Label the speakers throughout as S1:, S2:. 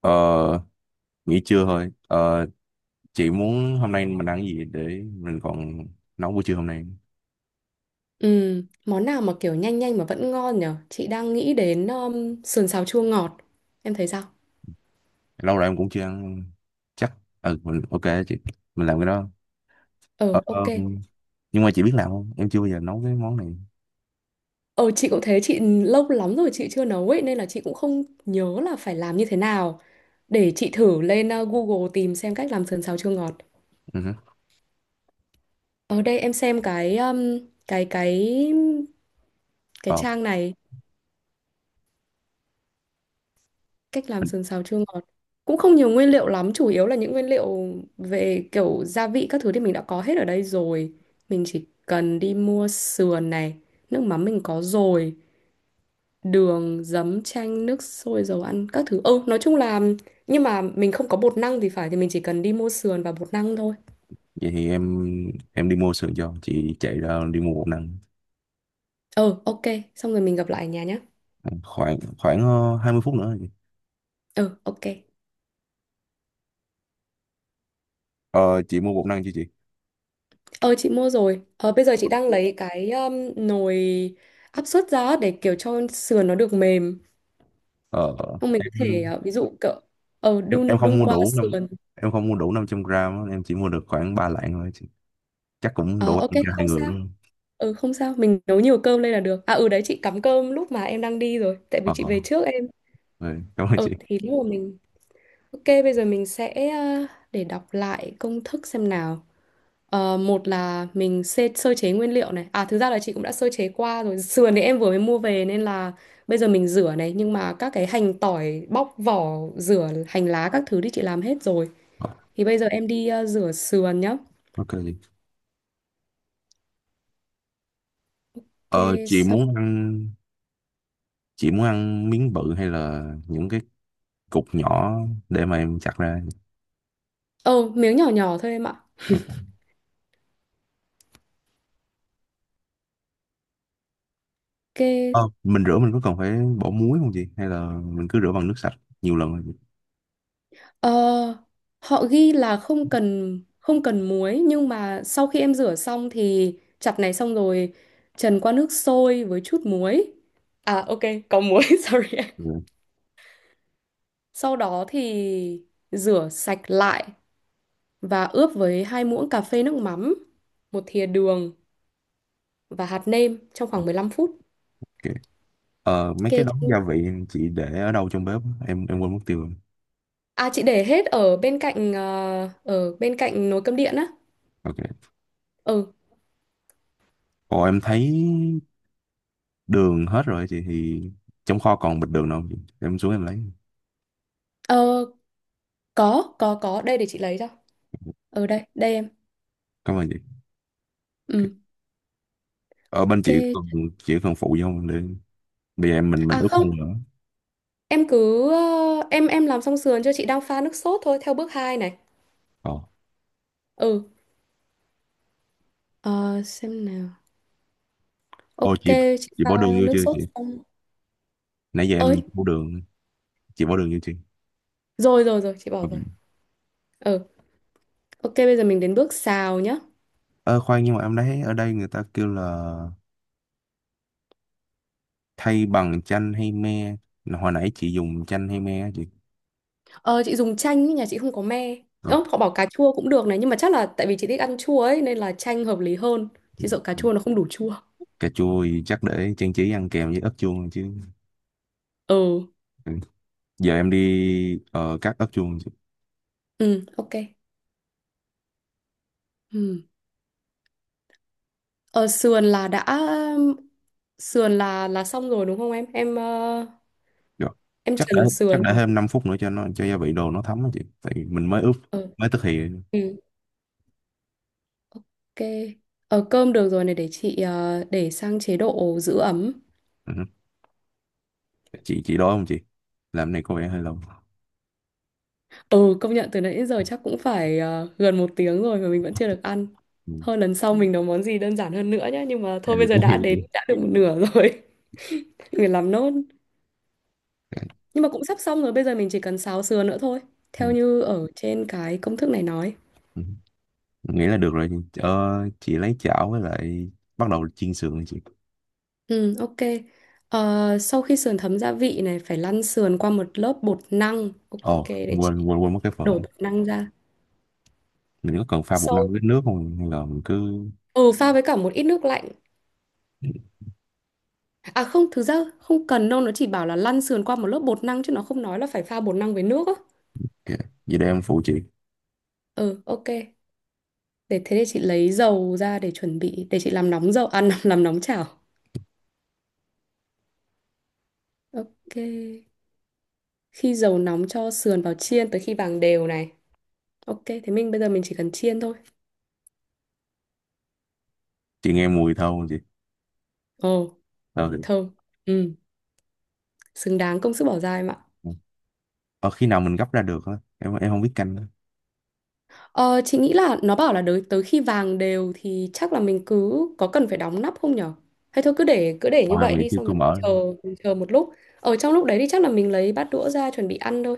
S1: Ờ, Nghỉ trưa thôi. Ờ, chị muốn hôm nay mình ăn cái gì để mình còn nấu buổi trưa hôm nay.
S2: Ừ, món nào mà kiểu nhanh nhanh mà vẫn ngon nhở? Chị đang nghĩ đến sườn xào chua ngọt. Em thấy sao?
S1: Lâu rồi em cũng chưa ăn. Chắc. Ừ, mình ok chị. Mình làm cái đó.
S2: Ờ,
S1: Ờ, ờ,
S2: ok.
S1: nhưng mà chị biết làm không? Em chưa bao giờ nấu cái món này.
S2: Ờ, chị cũng thế, chị lâu lắm rồi chị chưa nấu ấy, nên là chị cũng không nhớ là phải làm như thế nào. Để chị thử lên Google tìm xem cách làm sườn xào chua ngọt.
S1: Ừ hử.
S2: Ở đây em xem cái cái cái
S1: Ờ,
S2: trang này, cách làm sườn xào chua ngọt cũng không nhiều nguyên liệu lắm, chủ yếu là những nguyên liệu về kiểu gia vị các thứ thì mình đã có hết ở đây rồi. Mình chỉ cần đi mua sườn này, nước mắm mình có rồi, đường giấm chanh nước sôi dầu ăn các thứ, ừ nói chung là nhưng mà mình không có bột năng thì phải, thì mình chỉ cần đi mua sườn và bột năng thôi.
S1: Vậy thì em đi mua sườn cho. Chị chạy ra đi mua bột năng.
S2: Ừ, ok, xong rồi mình gặp lại ở nhà nhé.
S1: Ừ, Khoảng khoảng ờ, 20 phút nữa rồi chị.
S2: Ừ, ok.
S1: Ờ, chị mua bột năng chưa chị?
S2: Ờ, chị mua rồi. Ờ, bây giờ chị đang lấy cái nồi áp suất ra để kiểu cho sườn nó được mềm.
S1: Ờ,
S2: Không mình có
S1: em,
S2: thể ví dụ cậu
S1: em
S2: đun
S1: em không
S2: đun
S1: mua
S2: qua
S1: đủ năm
S2: sườn.
S1: em không mua đủ 500 gram á, em chỉ mua được khoảng 3 lạng thôi chị. Chắc cũng
S2: Ờ,
S1: đủ
S2: ok,
S1: ăn cho
S2: không
S1: hai người
S2: sao.
S1: đúng không?
S2: Ừ, không sao, mình nấu nhiều cơm lên là được, à ừ đấy chị cắm cơm lúc mà em đang đi rồi tại vì
S1: ờ
S2: chị về trước em.
S1: ừ, cảm ơn
S2: Ờ
S1: chị.
S2: thì lúc mà mình, ok bây giờ mình sẽ để đọc lại công thức xem nào. Ờ, một là mình sơ chế nguyên liệu này, à thực ra là chị cũng đã sơ chế qua rồi, sườn thì em vừa mới mua về nên là bây giờ mình rửa này, nhưng mà các cái hành tỏi bóc vỏ rửa hành lá các thứ thì chị làm hết rồi.
S1: Ờ,
S2: Thì bây giờ em đi rửa sườn nhá.
S1: ok chị.
S2: Kê
S1: ờ chị
S2: xong.
S1: muốn ăn chị muốn ăn miếng bự hay là những cái cục nhỏ để mà em chặt ra.
S2: Ờ, miếng nhỏ nhỏ thôi em ạ.
S1: Ờ,
S2: Kê,
S1: mình có cần phải bỏ muối không chị hay là mình cứ rửa bằng nước sạch nhiều lần rồi chị?
S2: ờ, họ ghi là không cần muối, nhưng mà sau khi em rửa xong thì chặt này, xong rồi trần qua nước sôi với chút muối. À ok, có muối, sorry.
S1: Ừ,
S2: Sau đó thì rửa sạch lại và ướp với 2 muỗng cà phê nước mắm, 1 thìa đường và hạt nêm trong khoảng 15 phút.
S1: ok. Mấy
S2: Kê
S1: cái đống
S2: chân-,
S1: gia vị chị để ở đâu trong bếp á? Em quên mất tiêu rồi.
S2: à chị để hết ở bên cạnh nồi cơm điện á.
S1: Ok.
S2: Ừ.
S1: Ồ, em thấy đường hết rồi chị, thì trong kho còn bịch đường đâu không chị? Em xuống em lấy.
S2: Ờ, có, có, có. Đây để chị lấy cho. Ở đây, đây em.
S1: Cảm ơn chị. Ok.
S2: Ừ,
S1: Ở bên chị
S2: ok.
S1: cần chị cần phụ vô để bây giờ em mình
S2: À
S1: ướp
S2: không,
S1: không nữa?
S2: em cứ... em làm xong sườn cho, chị đang pha nước sốt thôi, theo bước 2 này.
S1: ờ
S2: Ừ. Ờ, xem nào.
S1: Ô
S2: Ok,
S1: chị
S2: chị
S1: chị
S2: pha
S1: bỏ đường vô
S2: nước
S1: chưa
S2: sốt
S1: chị?
S2: xong.
S1: Nãy giờ em
S2: Ơi,
S1: bỏ đường. Chị bỏ đường vô chưa?
S2: rồi rồi rồi, chị bỏ
S1: Ok.
S2: rồi. Ừ, ok, bây giờ mình đến bước xào nhá.
S1: Ờ Khoan, nhưng mà em thấy ở đây người ta kêu là thay bằng chanh hay me, hồi nãy chị dùng chanh hay me á chị?
S2: Ờ, chị dùng chanh, ý, nhà chị không có me.
S1: Ờ,
S2: Ơ, họ bảo cà chua cũng được này, nhưng mà chắc là tại vì chị thích ăn chua ấy, nên là chanh hợp lý hơn. Chị sợ cà chua nó không đủ chua.
S1: Cà chua thì chắc để trang trí ăn kèm với ớt chuông chứ.
S2: Ừ,
S1: Ừ. Giờ em đi cắt ớt chuông chị.
S2: ừ, ok. Ừ. Ờ, sườn là đã sườn là xong rồi đúng không em? Em ờ,
S1: Rồi.
S2: em
S1: chắc để
S2: trần
S1: chắc
S2: sườn.
S1: để thêm 5 phút nữa cho nó cho gia vị đồ nó thấm á chị, tại vì mình mới ướp
S2: Ờ,
S1: mới thực thì...
S2: ừ, ok. Ờ, cơm được rồi này, để sang chế độ giữ ấm.
S1: Ừ. Chị đói không chị? Làm này có vẻ hơi lâu.
S2: Ừ, công nhận từ nãy đến giờ chắc cũng phải gần 1 tiếng rồi mà mình vẫn chưa được ăn.
S1: Ừ.
S2: Hơn lần sau mình nấu món gì đơn giản hơn nữa nhá. Nhưng mà thôi bây
S1: Em
S2: giờ
S1: cũng
S2: đã
S1: hiểu nữa.
S2: đến đã được một nửa rồi. Mình phải làm nốt. Nhưng mà cũng sắp xong rồi. Bây giờ mình chỉ cần xào sườn nữa thôi.
S1: Ừ.
S2: Theo như ở trên cái công thức này nói.
S1: Ừ. Nghĩ là được rồi chị. Ờ, chị lấy chảo với lại bắt đầu chiên sườn đi chị.
S2: Ừ, ok. Ờ, sau khi sườn thấm gia vị này phải lăn sườn qua một lớp bột năng. Ok,
S1: Ồ,
S2: để
S1: quên
S2: chị
S1: quên quên mất cái phần
S2: đổ bột năng ra.
S1: mình có cần pha bột năng
S2: Sau
S1: với nước không hay là mình cứ...
S2: ừ, Pha với cả một ít nước lạnh. À không, thực ra không cần đâu, nó chỉ bảo là lăn sườn qua một lớp bột năng chứ nó không nói là phải pha bột năng với nước á.
S1: Ok. Vậy để em phụ chị.
S2: Ừ, ok. Để thế, để chị lấy dầu ra để chuẩn bị, để chị làm nóng dầu, à làm nóng chảo. Ok. Khi dầu nóng cho sườn vào chiên tới khi vàng đều này. Ok, thế mình bây giờ mình chỉ cần chiên thôi.
S1: Chị nghe mùi thơm không chị?
S2: Ồ,
S1: ờ thì-
S2: thơm. Ừ, xứng đáng công sức bỏ ra em ạ.
S1: ờ, Khi nào mình gấp ra được á? Em không biết canh á.
S2: Ờ, chị nghĩ là nó bảo là tới tới khi vàng đều thì chắc là mình cứ có cần phải đóng nắp không nhở? Hay thôi cứ để
S1: Ờ,
S2: như
S1: em
S2: vậy
S1: nghĩ
S2: đi,
S1: chưa,
S2: xong
S1: cứ
S2: rồi mình
S1: mở.
S2: chờ, mình chờ một lúc. Ở trong lúc đấy thì chắc là mình lấy bát đũa ra chuẩn bị ăn thôi.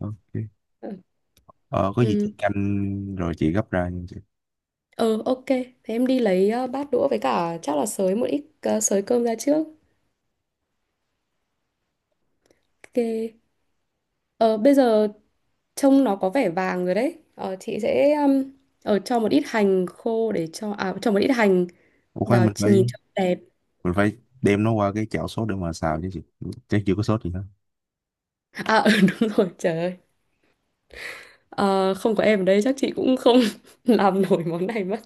S1: Ok.
S2: Ừ.
S1: Ờ, có gì
S2: Ừ,
S1: chị canh rồi chị gấp ra nha chị.
S2: ờ, ok. Thế em đi lấy bát đũa với cả chắc là sới một ít, sới cơm ra trước. Ok. Ờ, bây giờ trông nó có vẻ vàng rồi đấy. Ờ, chị sẽ cho một ít hành khô, để cho, à cho một ít hành
S1: Ủa, khoan,
S2: vào
S1: mình phải
S2: nhìn cho đẹp.
S1: mình phải đem nó qua cái chảo sốt để mà xào chứ chị, chắc chưa có sốt gì hết.
S2: À ừ, đúng rồi trời ơi. Ờ, không có em ở đây chắc chị cũng không làm nổi món này mất.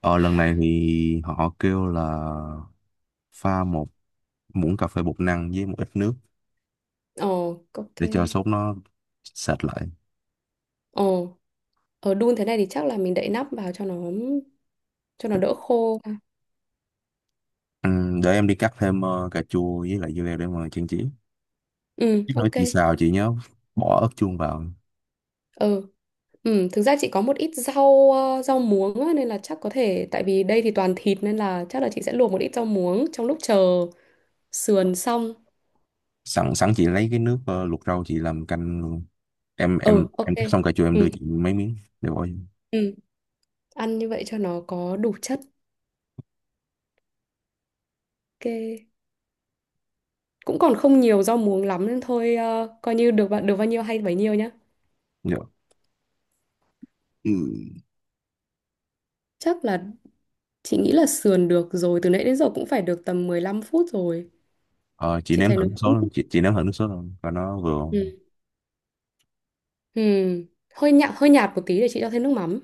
S1: Ờ Lần này thì họ kêu là pha một muỗng cà phê bột năng với một ít nước
S2: Ồ, ok.
S1: để cho sốt nó sệt lại.
S2: Ồ, ở đun thế này thì chắc là mình đậy nắp vào cho nó, cho nó đỡ khô. À,
S1: Để em đi cắt thêm cà chua với lại dưa leo để mà trang trí.
S2: ừ,
S1: Cái nồi
S2: ok.
S1: chị xào chị nhớ bỏ ớt chuông vào.
S2: Ừ, ừ, thực ra chị có một ít rau, rau muống á, nên là chắc có thể, tại vì đây thì toàn thịt nên là chắc là chị sẽ luộc một ít rau muống trong lúc chờ sườn xong.
S1: Sẵn sẵn chị lấy cái nước luộc rau chị làm canh luôn. em em
S2: Ừ, ok.
S1: em cắt xong cà chua em đưa
S2: Ừ,
S1: chị mấy miếng để bỏ vô.
S2: ừ, ăn như vậy cho nó có đủ chất. Ok. Cũng còn không nhiều rau muống lắm nên thôi, ờ, coi như được bao-, được bao nhiêu hay bấy nhiêu nhá.
S1: Dạ. Ừ.
S2: Chắc là chị nghĩ là sườn được rồi, từ nãy đến giờ cũng phải được tầm 15 phút rồi.
S1: ờ, chị
S2: Chị
S1: nếm
S2: thấy
S1: thử
S2: nó
S1: nước
S2: cũng,
S1: sốt không chị, chị nếm thử nước sốt không và nó vừa
S2: ừ.
S1: không?
S2: Ừ. hơi nhạt một tí, để chị cho thêm nước mắm.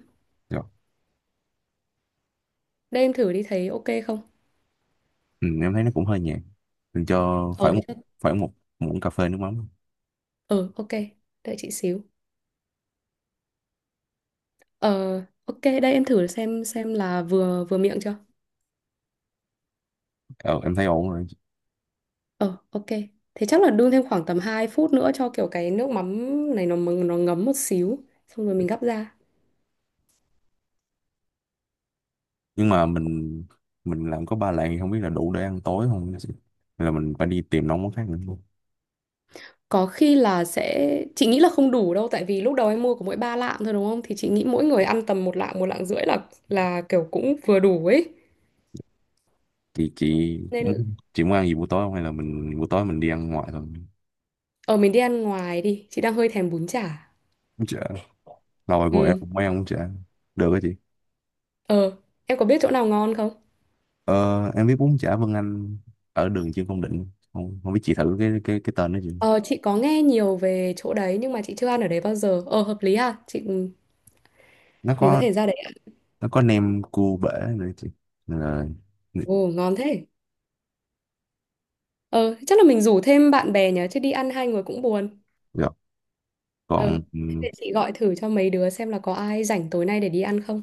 S2: Đây em thử đi, thấy ok không?
S1: Ừ, em thấy nó cũng hơi nhạt, mình cho
S2: Ờ
S1: phải
S2: thế
S1: một
S2: chắc.
S1: phải một muỗng cà phê nước mắm.
S2: Ờ ok. Đợi chị xíu. Ờ ok, đây em thử xem là vừa vừa miệng chưa?
S1: Ờ, em thấy ổn rồi.
S2: Ờ ok. Thế chắc là đun thêm khoảng tầm 2 phút nữa cho kiểu cái nước mắm này nó ngấm một xíu, xong rồi mình gắp ra.
S1: Nhưng mà mình làm có ba lạng thì không biết là đủ để ăn tối không, hay là mình phải đi tìm nấu món khác nữa.
S2: Có khi là sẽ, chị nghĩ là không đủ đâu, tại vì lúc đầu em mua có mỗi 3 lạng thôi đúng không? Thì chị nghĩ mỗi người ăn tầm 1 lạng, 1 lạng rưỡi là kiểu cũng vừa đủ ấy. Nên
S1: Chị muốn ăn gì buổi tối không hay là mình buổi tối mình đi ăn ngoài thôi.
S2: ở mình đi ăn ngoài đi, chị đang hơi thèm bún chả.
S1: Bún chả, lâu rồi của em
S2: Ừ.
S1: cũng mới ăn bún chả được á chị.
S2: Ờ, em có biết chỗ nào ngon không?
S1: Ờ, em biết bún chả Vân Anh ở đường Trương Công Định. Không Không biết chị thử cái tên đó chị?
S2: Ờ chị có nghe nhiều về chỗ đấy nhưng mà chị chưa ăn ở đấy bao giờ. Ờ hợp lý ha.
S1: nó
S2: Mình có
S1: có
S2: thể ra đấy ăn.
S1: nó có nem cua bể nữa chị. Nên là
S2: Ồ ngon thế. Ờ chắc là mình rủ thêm bạn bè nhỉ chứ đi ăn hai người cũng buồn.
S1: rồi
S2: ờ
S1: còn ừ,
S2: Thế để chị gọi thử cho mấy đứa xem là có ai rảnh tối nay để đi ăn không.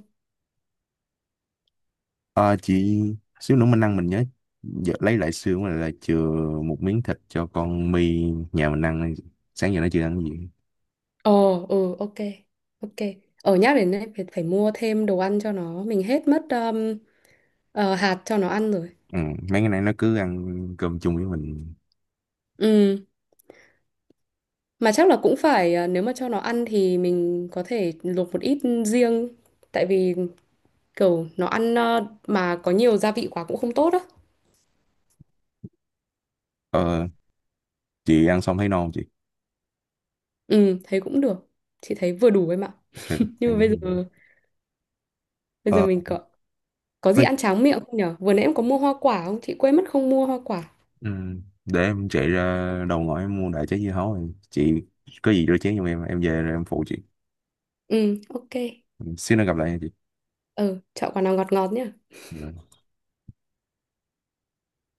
S1: Ờ, chị, xíu nữa mình ăn mình nhớ giờ lấy lại xương là chừa một miếng thịt cho con My nhà mình ăn, sáng giờ nó chưa ăn cái gì.
S2: Ờ, ừ, ok, ok. Ở nhắc đến này, phải, phải mua thêm đồ ăn cho nó. Mình hết mất hạt cho nó ăn rồi.
S1: Ừ, mấy cái này nó cứ ăn cơm chung với mình.
S2: Ừ, mà chắc là cũng phải, ờ, nếu mà cho nó ăn thì mình có thể luộc một ít riêng. Tại vì kiểu nó ăn, ờ, mà có nhiều gia vị quá cũng không tốt á.
S1: ờ, chị ăn xong thấy no không chị?
S2: Ừ, thấy cũng được. Chị thấy vừa đủ em ạ.
S1: Ừ,
S2: Nhưng
S1: em
S2: mà
S1: cũng thấy được.
S2: bây giờ
S1: ờ,
S2: mình có gì
S1: có,
S2: ăn tráng miệng không nhở? Vừa nãy em có mua hoa quả không? Chị quên mất không mua hoa quả.
S1: ừ, để em chạy ra đầu ngõ em mua đại trái dưa hấu rồi chị. Có gì rửa chén giùm em về rồi em phụ chị.
S2: Ừ, ok.
S1: Xíu nữa gặp lại nha chị.
S2: Ừ, chọn quả nào ngọt ngọt nhá.
S1: Ừ.